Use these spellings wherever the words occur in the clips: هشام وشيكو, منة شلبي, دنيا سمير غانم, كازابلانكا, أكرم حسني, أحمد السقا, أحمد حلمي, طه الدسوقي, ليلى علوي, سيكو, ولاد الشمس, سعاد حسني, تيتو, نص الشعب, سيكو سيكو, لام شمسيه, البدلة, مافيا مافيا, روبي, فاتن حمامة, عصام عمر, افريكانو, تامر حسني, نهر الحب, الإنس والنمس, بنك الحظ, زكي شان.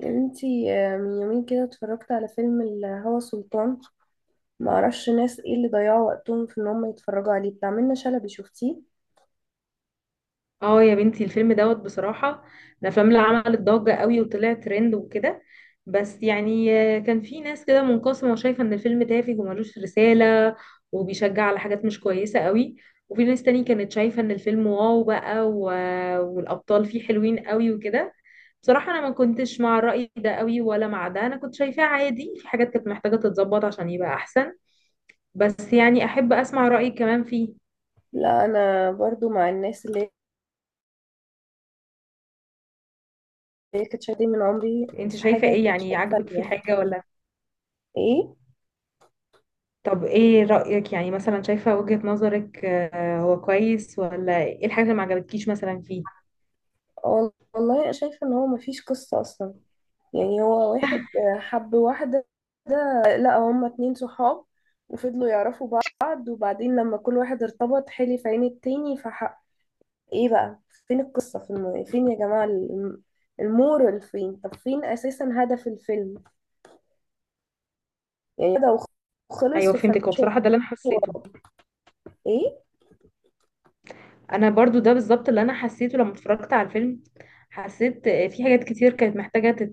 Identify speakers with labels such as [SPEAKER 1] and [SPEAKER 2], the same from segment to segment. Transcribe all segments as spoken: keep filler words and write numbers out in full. [SPEAKER 1] يا بنتي آه، من يومين كده اتفرجت على فيلم الهوى سلطان. ما اعرفش ناس ايه اللي ضيعوا وقتهم في ان هم يتفرجوا عليه، بتاع منة شلبي. شفتيه؟
[SPEAKER 2] اه يا بنتي الفيلم دوت بصراحة، الأفلام اللي عملت ضجة قوي وطلع ترند وكده. بس يعني آه، كان في ناس كده منقسمة وشايفة إن الفيلم تافه وملوش رسالة وبيشجع على حاجات مش كويسة قوي. وفي ناس تاني كانت شايفة إن الفيلم واو بقى و... والأبطال فيه حلوين قوي وكده. بصراحة أنا ما كنتش مع الرأي ده قوي ولا مع ده، أنا كنت شايفاه عادي، في حاجات كانت محتاجة تتظبط عشان يبقى أحسن. بس يعني أحب أسمع رأيك كمان فيه.
[SPEAKER 1] لا، انا برضو مع الناس اللي هي كانت شادين من عمري
[SPEAKER 2] أنت
[SPEAKER 1] في
[SPEAKER 2] شايفة
[SPEAKER 1] حاجه
[SPEAKER 2] إيه؟
[SPEAKER 1] مش
[SPEAKER 2] يعني عاجبك فيه
[SPEAKER 1] فاهمه.
[SPEAKER 2] حاجة ولا؟
[SPEAKER 1] ايه.
[SPEAKER 2] طب ايه رأيك؟ يعني مثلا شايفة وجهة نظرك، آه، هو كويس ولا ايه الحاجة اللي ما عجبتكيش مثلا فيه؟
[SPEAKER 1] وال- والله أنا شايفه ان هو هو واحد آه، حب صحاب، فضلوا يعرفوا حلي في حق. فين القصه في الموضوع يا جماعه؟ المورال فين؟ اساسا هدف الفيلم شو؟
[SPEAKER 2] هو بصراحة انا برضه حسيته لما اتفرجت على الفيلم، حسيت في حاجات كتير محتاجة تت-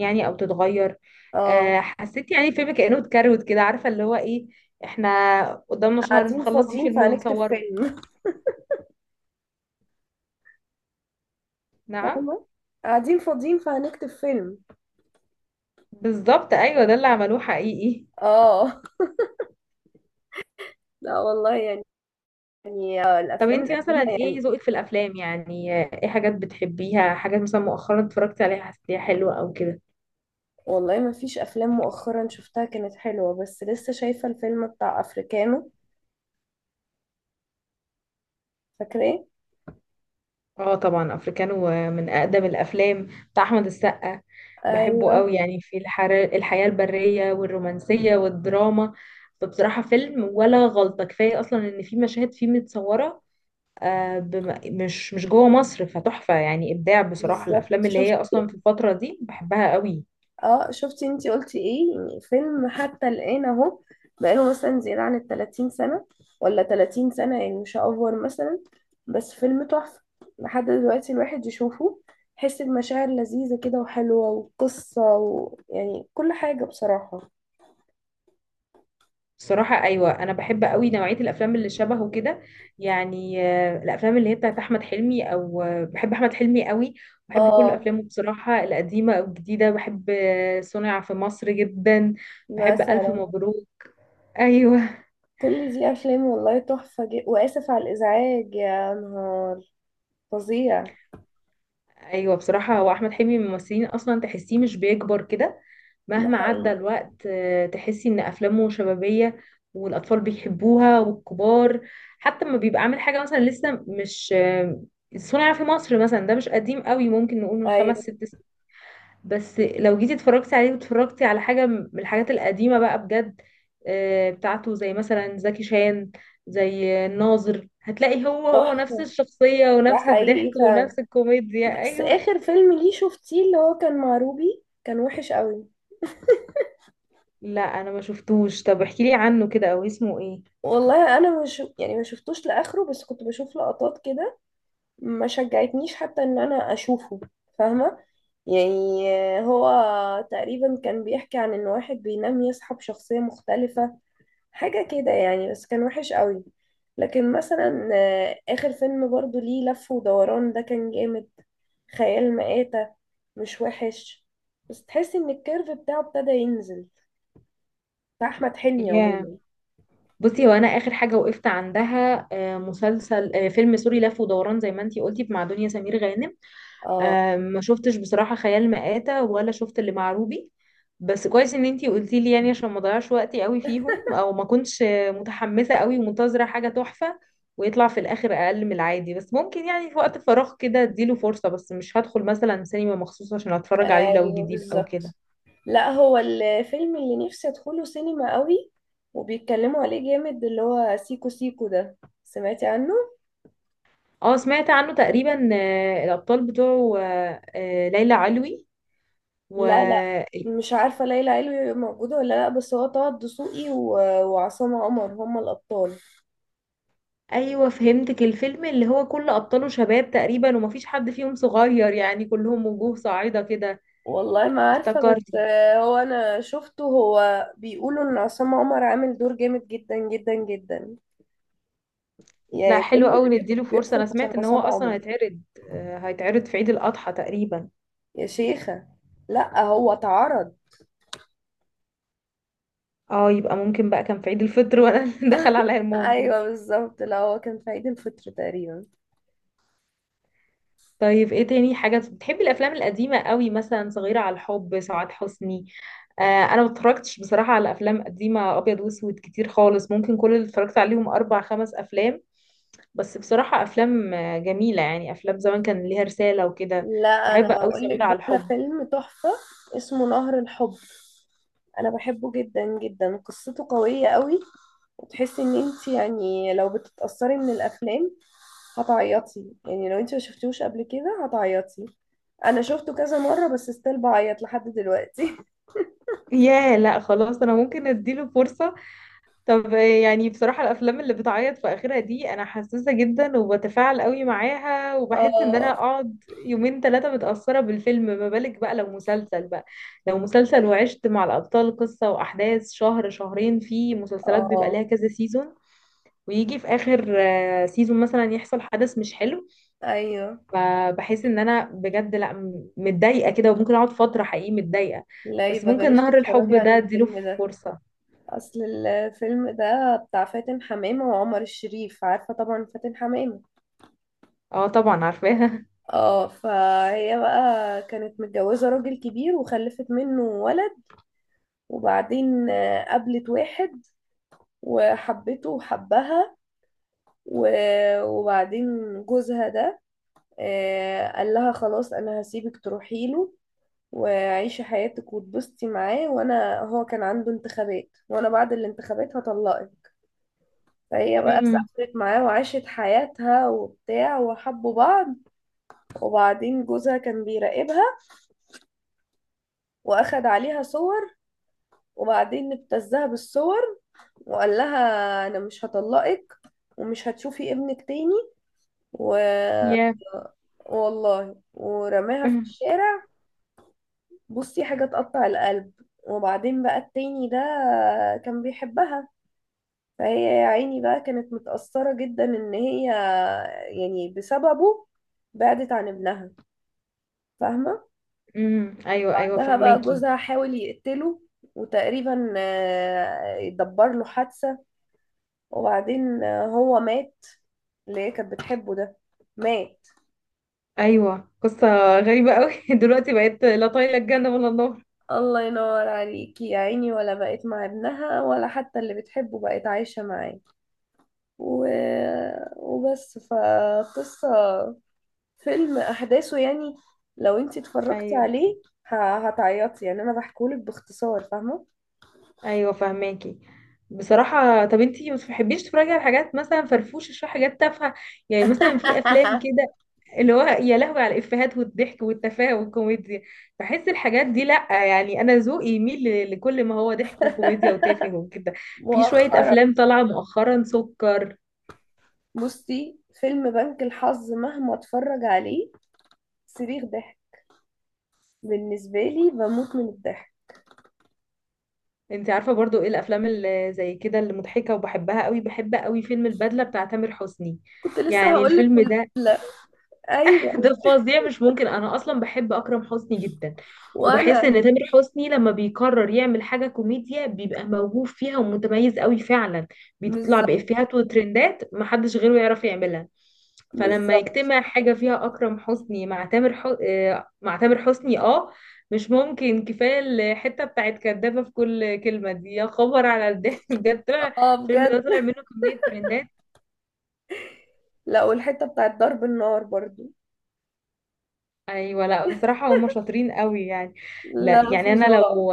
[SPEAKER 2] يعني او تتغير.
[SPEAKER 1] آه،
[SPEAKER 2] يعني الفيلم كانوا عارفة اللي هو ايه؟ احنا قدامنا شهر
[SPEAKER 1] قاعدين
[SPEAKER 2] نخلص فيه
[SPEAKER 1] فاضيين
[SPEAKER 2] فيلم
[SPEAKER 1] فهنكتب
[SPEAKER 2] ونصوره.
[SPEAKER 1] فيلم.
[SPEAKER 2] نعم،
[SPEAKER 1] فاهمة. قاعدين فاضيين فهنكتب فيلم.
[SPEAKER 2] بالظبط. ايوه ده اللي عملوه حقيقي.
[SPEAKER 1] اه. لا والله، يعني يعني آه،
[SPEAKER 2] طب
[SPEAKER 1] الافلام
[SPEAKER 2] انتي
[SPEAKER 1] القديمة
[SPEAKER 2] مثلا
[SPEAKER 1] يعني.
[SPEAKER 2] ايه ذوقك في الافلام؟ يعني آه، ايه حاجات بتحبيها؟ حاجات مثلا مؤخرا اتفرجتي عليها حسيتيها حلوة او كده؟
[SPEAKER 1] والله ما فيش افلام مؤخرا شفتها كانت حلوة، بس لسه شايفة الفيلم بتاع افريكانو. فاكراه؟
[SPEAKER 2] اه طبعا افريكانو من اقدم الافلام، بتاع احمد السقا. بحبه
[SPEAKER 1] ايوه،
[SPEAKER 2] قوي، يعني في الحر... الحياة البرية والرومانسية والدراما. فبصراحة فيلم ولا غلطة، كفاية اصلا ان في مشاهد فيه متصورة آه بم... مش مش جوه مصر، فتحفة يعني، ابداع بصراحة.
[SPEAKER 1] بالظبط.
[SPEAKER 2] الافلام اللي هي
[SPEAKER 1] شفت.
[SPEAKER 2] اصلا في الفترة دي بحبها قوي.
[SPEAKER 1] اه شفتي، انتي قلتي ايه يعني. فيلم حتى الآن اهو بقاله مثلا زيادة عن التلاتين سنة، ولا تلاتين سنة يعني، مش هأفور مثلا. بس فيلم تحفة. لحد دلوقتي الواحد يشوفه، يحس بمشاعر لذيذة كده وحلوة وقصة ويعني كل حاجة بصراحة.
[SPEAKER 2] صراحة أيوة، أنا بحب قوي نوعية الأفلام اللي شبهه كده. يعني آه، الأفلام اللي هي بتاعت أحمد حلمي، أو آه، بحب أحمد حلمي قوي، بحب كل
[SPEAKER 1] اه.
[SPEAKER 2] أفلامه بصراحة، القديمة أو الجديدة. بحب آه، صنع في مصر جدا. بحب ألف
[SPEAKER 1] مثلا.
[SPEAKER 2] مبروك. أيوة.
[SPEAKER 1] كل دي أفلام والله تحفة جدا. وآسف على الإزعاج، يا نهار فظيع.
[SPEAKER 2] ايوه بصراحه هو احمد حلمي من الممثلين اصلا تحسيه مش بيكبر كده،
[SPEAKER 1] ده
[SPEAKER 2] مهما عدى
[SPEAKER 1] حقيقي.
[SPEAKER 2] الوقت، آه، تحسي ان افلامه شبابيه والاطفال بيحبوها والكبار. حتى لما بيبقى عامل حاجه مثلا لسه مش آه، صنع في مصر مثلا ده مش قديم قوي، ممكن نقول من خمس
[SPEAKER 1] أيوة.
[SPEAKER 2] ست سنين بس لو جيتي اتفرجتي عليه واتفرجتي على حاجه من الحاجات القديمه بقى بجد، آه، بتاعته زي مثلا زكي شان، زي الناظر، هتلاقي هو هو نفس
[SPEAKER 1] تحفة.
[SPEAKER 2] الشخصيه
[SPEAKER 1] ده
[SPEAKER 2] ونفس الضحك
[SPEAKER 1] حقيقي فعلا.
[SPEAKER 2] ونفس الكوميديا.
[SPEAKER 1] بس
[SPEAKER 2] ايوه.
[SPEAKER 1] اخر فيلم ليه شفتيه اللي هو كان مع روبي كان وحش قوي.
[SPEAKER 2] لا انا ما شفتوش، طب احكي لي عنه كده او اسمه ايه؟
[SPEAKER 1] والله انا مش يعني ما شفتوش لاخره، بس كنت بشوف لقطات كده. ما شجعتنيش حتى ان انا اشوفه. فاهمه؟ يعني هو تقريبا كان بيحكي عن ان واحد بينام يصحى بشخصيه مختلفه. حاجه كده يعني، بس كان وحش قوي. لكن مثلا آه، اخر فيلم برضو ليه لف ودوران ده كان جامد. خيال مآتة، مش وحش، بس تحسي ان الكيرف بتاعه ابتدى ينزل، بتاع احمد حلمي
[SPEAKER 2] ياه.
[SPEAKER 1] عموما.
[SPEAKER 2] بصي هو انا اخر حاجه وقفت عندها آه، مسلسل آه، فيلم سوري لف ودوران زي ما انتي قلتي، مع دنيا سمير غانم.
[SPEAKER 1] اه.
[SPEAKER 2] آه، ما شفتش بصراحه خيال مآتة، ولا شفت اللي مع روبي. بس كويس ان انتي قلتي لي يعني، عشان ما اضيعش وقتي قوي فيهم، او ما كنتش آه، متحمسه قوي ومنتظره حاجه تحفه ويطلع في الاخر اقل من العادي. بس ممكن يعني في وقت فراغ كده اديله فرصه، بس مش هدخل مثلا سينما مخصوص عشان اتفرج عليه لو
[SPEAKER 1] ايوه،
[SPEAKER 2] جديد او كده.
[SPEAKER 1] بالظبط. لا، هو الفيلم اللي نفسي ادخله سينما قوي وبيتكلموا عليه جامد، اللي هو سيكو سيكو ده. سمعتي عنه؟
[SPEAKER 2] اه سمعت عنه تقريبا. آه، الابطال بتوعه آه، آه، ليلى علوي و...
[SPEAKER 1] لا لا، مش عارفه ليلى علوي موجوده ولا لا، بس هو طه الدسوقي و- وعصام عمر هما الابطال.
[SPEAKER 2] ايوه فهمتك، الفيلم اللي هو كل ابطاله شباب تقريبا ومفيش حد فيهم صغير، يعني كلهم وجوه صاعده كده.
[SPEAKER 1] والله ما عارفه،
[SPEAKER 2] افتكرت.
[SPEAKER 1] بس آه، هو انا شفته. هو بيقولوا ان عصام عمر عامل دور جامد جدا جدا جدا.
[SPEAKER 2] لا
[SPEAKER 1] يعني كل
[SPEAKER 2] حلو
[SPEAKER 1] اللي
[SPEAKER 2] قوي،
[SPEAKER 1] بيدخل
[SPEAKER 2] نديله فرصه.
[SPEAKER 1] بيدخل
[SPEAKER 2] انا
[SPEAKER 1] عشان
[SPEAKER 2] سمعت ان هو
[SPEAKER 1] عصام
[SPEAKER 2] اصلا
[SPEAKER 1] عمر.
[SPEAKER 2] هيتعرض، آه، هيتعرض في عيد الاضحى تقريبا.
[SPEAKER 1] يا شيخة، لا هو اتعرض.
[SPEAKER 2] اه، يبقى ممكن بقى كان في عيد الفطر وانا اللي دخل عليا الموضوع.
[SPEAKER 1] ايوه بالظبط، لا هو كان في عيد الفطر تقريبا.
[SPEAKER 2] طيب ايه تاني حاجة بتحبي؟ الافلام القديمة قوي مثلا صغيرة على الحب سعاد حسني؟ آه انا ما اتفرجتش بصراحة على افلام قديمة ابيض واسود كتير خالص، ممكن كل اللي اتفرجت عليهم اربع خمس افلام. بس بصراحة افلام آه، جميلة يعني، افلام زمان كان ليها رسالة وكده.
[SPEAKER 1] لا انا
[SPEAKER 2] بحب قوي
[SPEAKER 1] هقول لك
[SPEAKER 2] صغيرة على
[SPEAKER 1] بقى على
[SPEAKER 2] الحب.
[SPEAKER 1] فيلم تحفة، اسمه نهر الحب. انا بحبه جدا جدا، قصته قوية قوي. وتحسي ان انت يعني لو بتتأثري من الافلام هتعيطي. يعني لو انت ما شفتوش قبل كده هتعيطي. انا شفته كذا مرة بس ستيل بعيط لحد دلوقتي.
[SPEAKER 2] ياه، لا خلاص انا ممكن اديله فرصة. طب يعني بصراحة الأفلام اللي بتعيط في آخرها دي أنا حساسة جدا وبتفاعل قوي معاها، وبحس إن أنا
[SPEAKER 1] اه.
[SPEAKER 2] أقعد يومين ثلاثة متأثرة بالفيلم، ما بالك بقى لو مسلسل بقى. لو مسلسل وعشت مع الأبطال قصة وأحداث شهر شهرين، في مسلسلات بيبقى لها
[SPEAKER 1] اه.
[SPEAKER 2] كذا سيزون ويجي في آخر آه، سيزون مثلا يحصل حدث مش حلو.
[SPEAKER 1] ايوه.
[SPEAKER 2] فبحس إن أنا بجد لأ، م- متضايقة كده، وممكن أقعد فترة حقيقي متضايقة.
[SPEAKER 1] لا،
[SPEAKER 2] بس
[SPEAKER 1] يبقى
[SPEAKER 2] ممكن
[SPEAKER 1] بلاش
[SPEAKER 2] نهر
[SPEAKER 1] تتفرجي
[SPEAKER 2] الحب
[SPEAKER 1] عن
[SPEAKER 2] ده أديله
[SPEAKER 1] الفيلم ده.
[SPEAKER 2] فرصة.
[SPEAKER 1] اصل الفيلم ده بتاع فاتن حمامة وعمر الشريف. عارفة طبعا فاتن حمامة.
[SPEAKER 2] اه طبعا عارفاها.
[SPEAKER 1] اه. فهي بقى كانت متجوزة راجل كبير وخلفت منه ولد. وبعدين آه، قابلت واحد وحبته وحبها و- وبعدين جوزها ده آه، قال لها خلاص انا هسيبك تروحي له وعيشي حياتك وتبسطي معاه، وانا هو كان عنده انتخابات، وانا بعد الانتخابات هطلقك. فهي بقى
[SPEAKER 2] امم.
[SPEAKER 1] سافرت معاه وعاشت حياتها وبتاع وحبوا بعض. وبعدين جوزها كان بيراقبها واخد عليها صور، وبعدين ابتزها بالصور وقال لها انا مش هطلقك ومش هتشوفي ابنك تاني و... والله ورماها في
[SPEAKER 2] أمم.
[SPEAKER 1] الشارع. بصي حاجة تقطع القلب. وبعدين بقى التاني ده كان بيحبها. فهي يا عيني بقى كانت متأثرة جدا ان هي يعني بسببه بعدت عن ابنها. فاهمة؟
[SPEAKER 2] أمم، ايوه ايوه
[SPEAKER 1] ده بقى
[SPEAKER 2] فهماكي.
[SPEAKER 1] جوزها حاول يقتله، وتقريبا آه، يدبر له حادثة. وبعدين آه، هو مات. اللي هي كانت بتحبه ده مات.
[SPEAKER 2] ايوه، قصه غريبه قوي. دلوقتي بقيت لا طايله الجنه ولا النار.
[SPEAKER 1] الله ينور عليكي يا عيني، ولا بقت مع ابنها ولا حتى اللي بتحبه بقت عايشة معاه و... وبس فقصة فيلم أحداثه يعني، لو انتي اتفرجتي
[SPEAKER 2] ايوه
[SPEAKER 1] عليه ه- هتعيطي يعني. أنا بحكولك باختصار. فاهمة؟
[SPEAKER 2] ايوه فهماكي. بصراحه طب انتي ما بتحبيش تتفرجي على حاجات مثلا فرفوشه شويه، حاجات تافهه؟ يعني مثلا في افلام كده اللي هو يا لهوي على الافيهات والضحك والتفاهه والكوميديا. بحس الحاجات دي، لا يعني انا ذوقي يميل ل- لكل ما هو ضحك وكوميديا وتافه وكده. في شويه
[SPEAKER 1] مؤخرا.
[SPEAKER 2] افلام طالعه مؤخرا سكر.
[SPEAKER 1] بصي، فيلم بنك الحظ مهما اتفرج عليه صريخ ضحك بالنسبة لي، بموت من الضحك.
[SPEAKER 2] انت عارفه برضو ايه الافلام اللي زي كده اللي مضحكه وبحبها قوي؟ بحب قوي فيلم البدله بتاع تامر حسني،
[SPEAKER 1] كنت لسه
[SPEAKER 2] يعني
[SPEAKER 1] هقولك.
[SPEAKER 2] الفيلم ده
[SPEAKER 1] والجملة. ايوه.
[SPEAKER 2] ده فظيع مش ممكن. انا اصلا بحب اكرم حسني جدا، وبحس ان
[SPEAKER 1] وانا.
[SPEAKER 2] تامر حسني لما بيقرر يعمل حاجه كوميديا بيبقى موهوب فيها ومتميز قوي فعلا، بيطلع
[SPEAKER 1] بالظبط،
[SPEAKER 2] بافيهات وترندات محدش غيره يعرف يعملها. فلما
[SPEAKER 1] بالظبط.
[SPEAKER 2] يجتمع حاجه فيها اكرم حسني مع تامر ح... آه، مع تامر حسني، اه مش ممكن. كفايه الحته بتاعت كدابه في كل كلمه دي، يا خبر على الضحك. بجد طلع
[SPEAKER 1] اه
[SPEAKER 2] الفيلم ده،
[SPEAKER 1] بجد.
[SPEAKER 2] طلع منه كميه ترندات.
[SPEAKER 1] لا، والحتة بتاعت ضرب النار برضو.
[SPEAKER 2] ايوه، لا بصراحه هم شاطرين قوي يعني. لا
[SPEAKER 1] لا،
[SPEAKER 2] يعني انا
[SPEAKER 1] فظاع.
[SPEAKER 2] لو،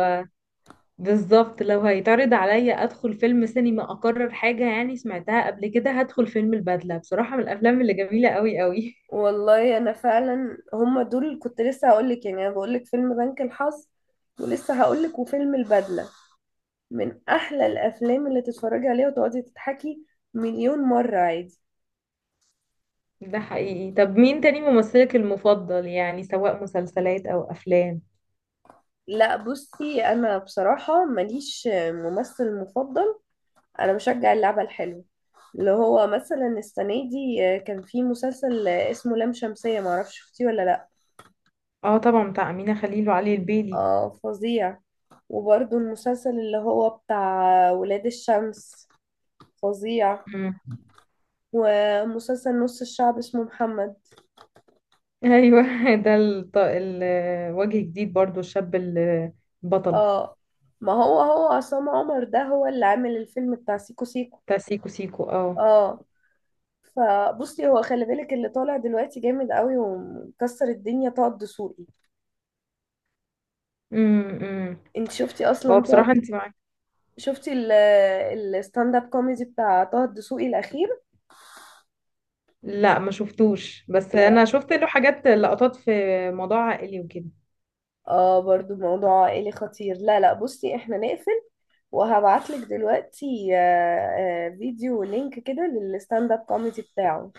[SPEAKER 2] بالظبط لو هيتعرض عليا ادخل فيلم سينما اقرر حاجه يعني سمعتها قبل كده، هدخل فيلم البدله بصراحه، من الافلام اللي جميله قوي قوي.
[SPEAKER 1] والله انا فعلا هما دول اللي كنت لسه هقولك. يعني انا بقولك فيلم بنك الحظ، ولسه هقولك وفيلم البدلة. من احلى الافلام اللي تتفرجي عليها وتقعدي تضحكي مليون مرة عادي.
[SPEAKER 2] ده حقيقي. طب مين تاني ممثلك المفضل؟ يعني سواء مسلسلات او افلام.
[SPEAKER 1] لا، بصي انا بصراحه ماليش ممثل مفضل. انا بشجع اللعبه الحلوه. اللي هو مثلا السنه دي كان في مسلسل اسمه لام شمسيه، معرفش شفتيه ولا لا.
[SPEAKER 2] اه طبعا، بتاع امينه خليل وعلي البيلي.
[SPEAKER 1] اه فظيع. وبرده المسلسل اللي هو بتاع ولاد الشمس فظيع.
[SPEAKER 2] مم.
[SPEAKER 1] ومسلسل نص الشعب اسمه محمد.
[SPEAKER 2] ايوه ده الط- الوجه جديد برضو، الشاب البطل
[SPEAKER 1] اه. ما هو هو عصام عمر ده هو اللي عامل الفيلم بتاع سيكو سيكو.
[SPEAKER 2] بتاع سيكو سيكو. اه
[SPEAKER 1] اه. فبصي هو، خلي بالك اللي طالع دلوقتي جامد قوي ومكسر الدنيا طه الدسوقي.
[SPEAKER 2] امم.
[SPEAKER 1] انت شفتي
[SPEAKER 2] هو
[SPEAKER 1] اصلا
[SPEAKER 2] بصراحة
[SPEAKER 1] طه؟
[SPEAKER 2] انت،
[SPEAKER 1] شفتي ال- الستاند اب كوميدي بتاع طه الدسوقي الاخير؟
[SPEAKER 2] لا ما شفتوش، بس انا
[SPEAKER 1] لا.
[SPEAKER 2] شفت له حاجات، لقطات في موضوع عائلي وكده.
[SPEAKER 1] اه برضو موضوع عائلي خطير. لا لا بصي، احنا نقفل. وهبعتلك دلوقتي آه، آه، فيديو لينك كده للستاند اب كوميدي بتاعه.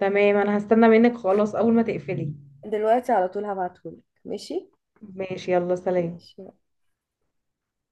[SPEAKER 2] تمام، انا هستنى منك خلاص اول ما تقفلي.
[SPEAKER 1] دلوقتي على طول هبعتهولك. ماشي.
[SPEAKER 2] ماشي، يلا سلام.
[SPEAKER 1] ماشي.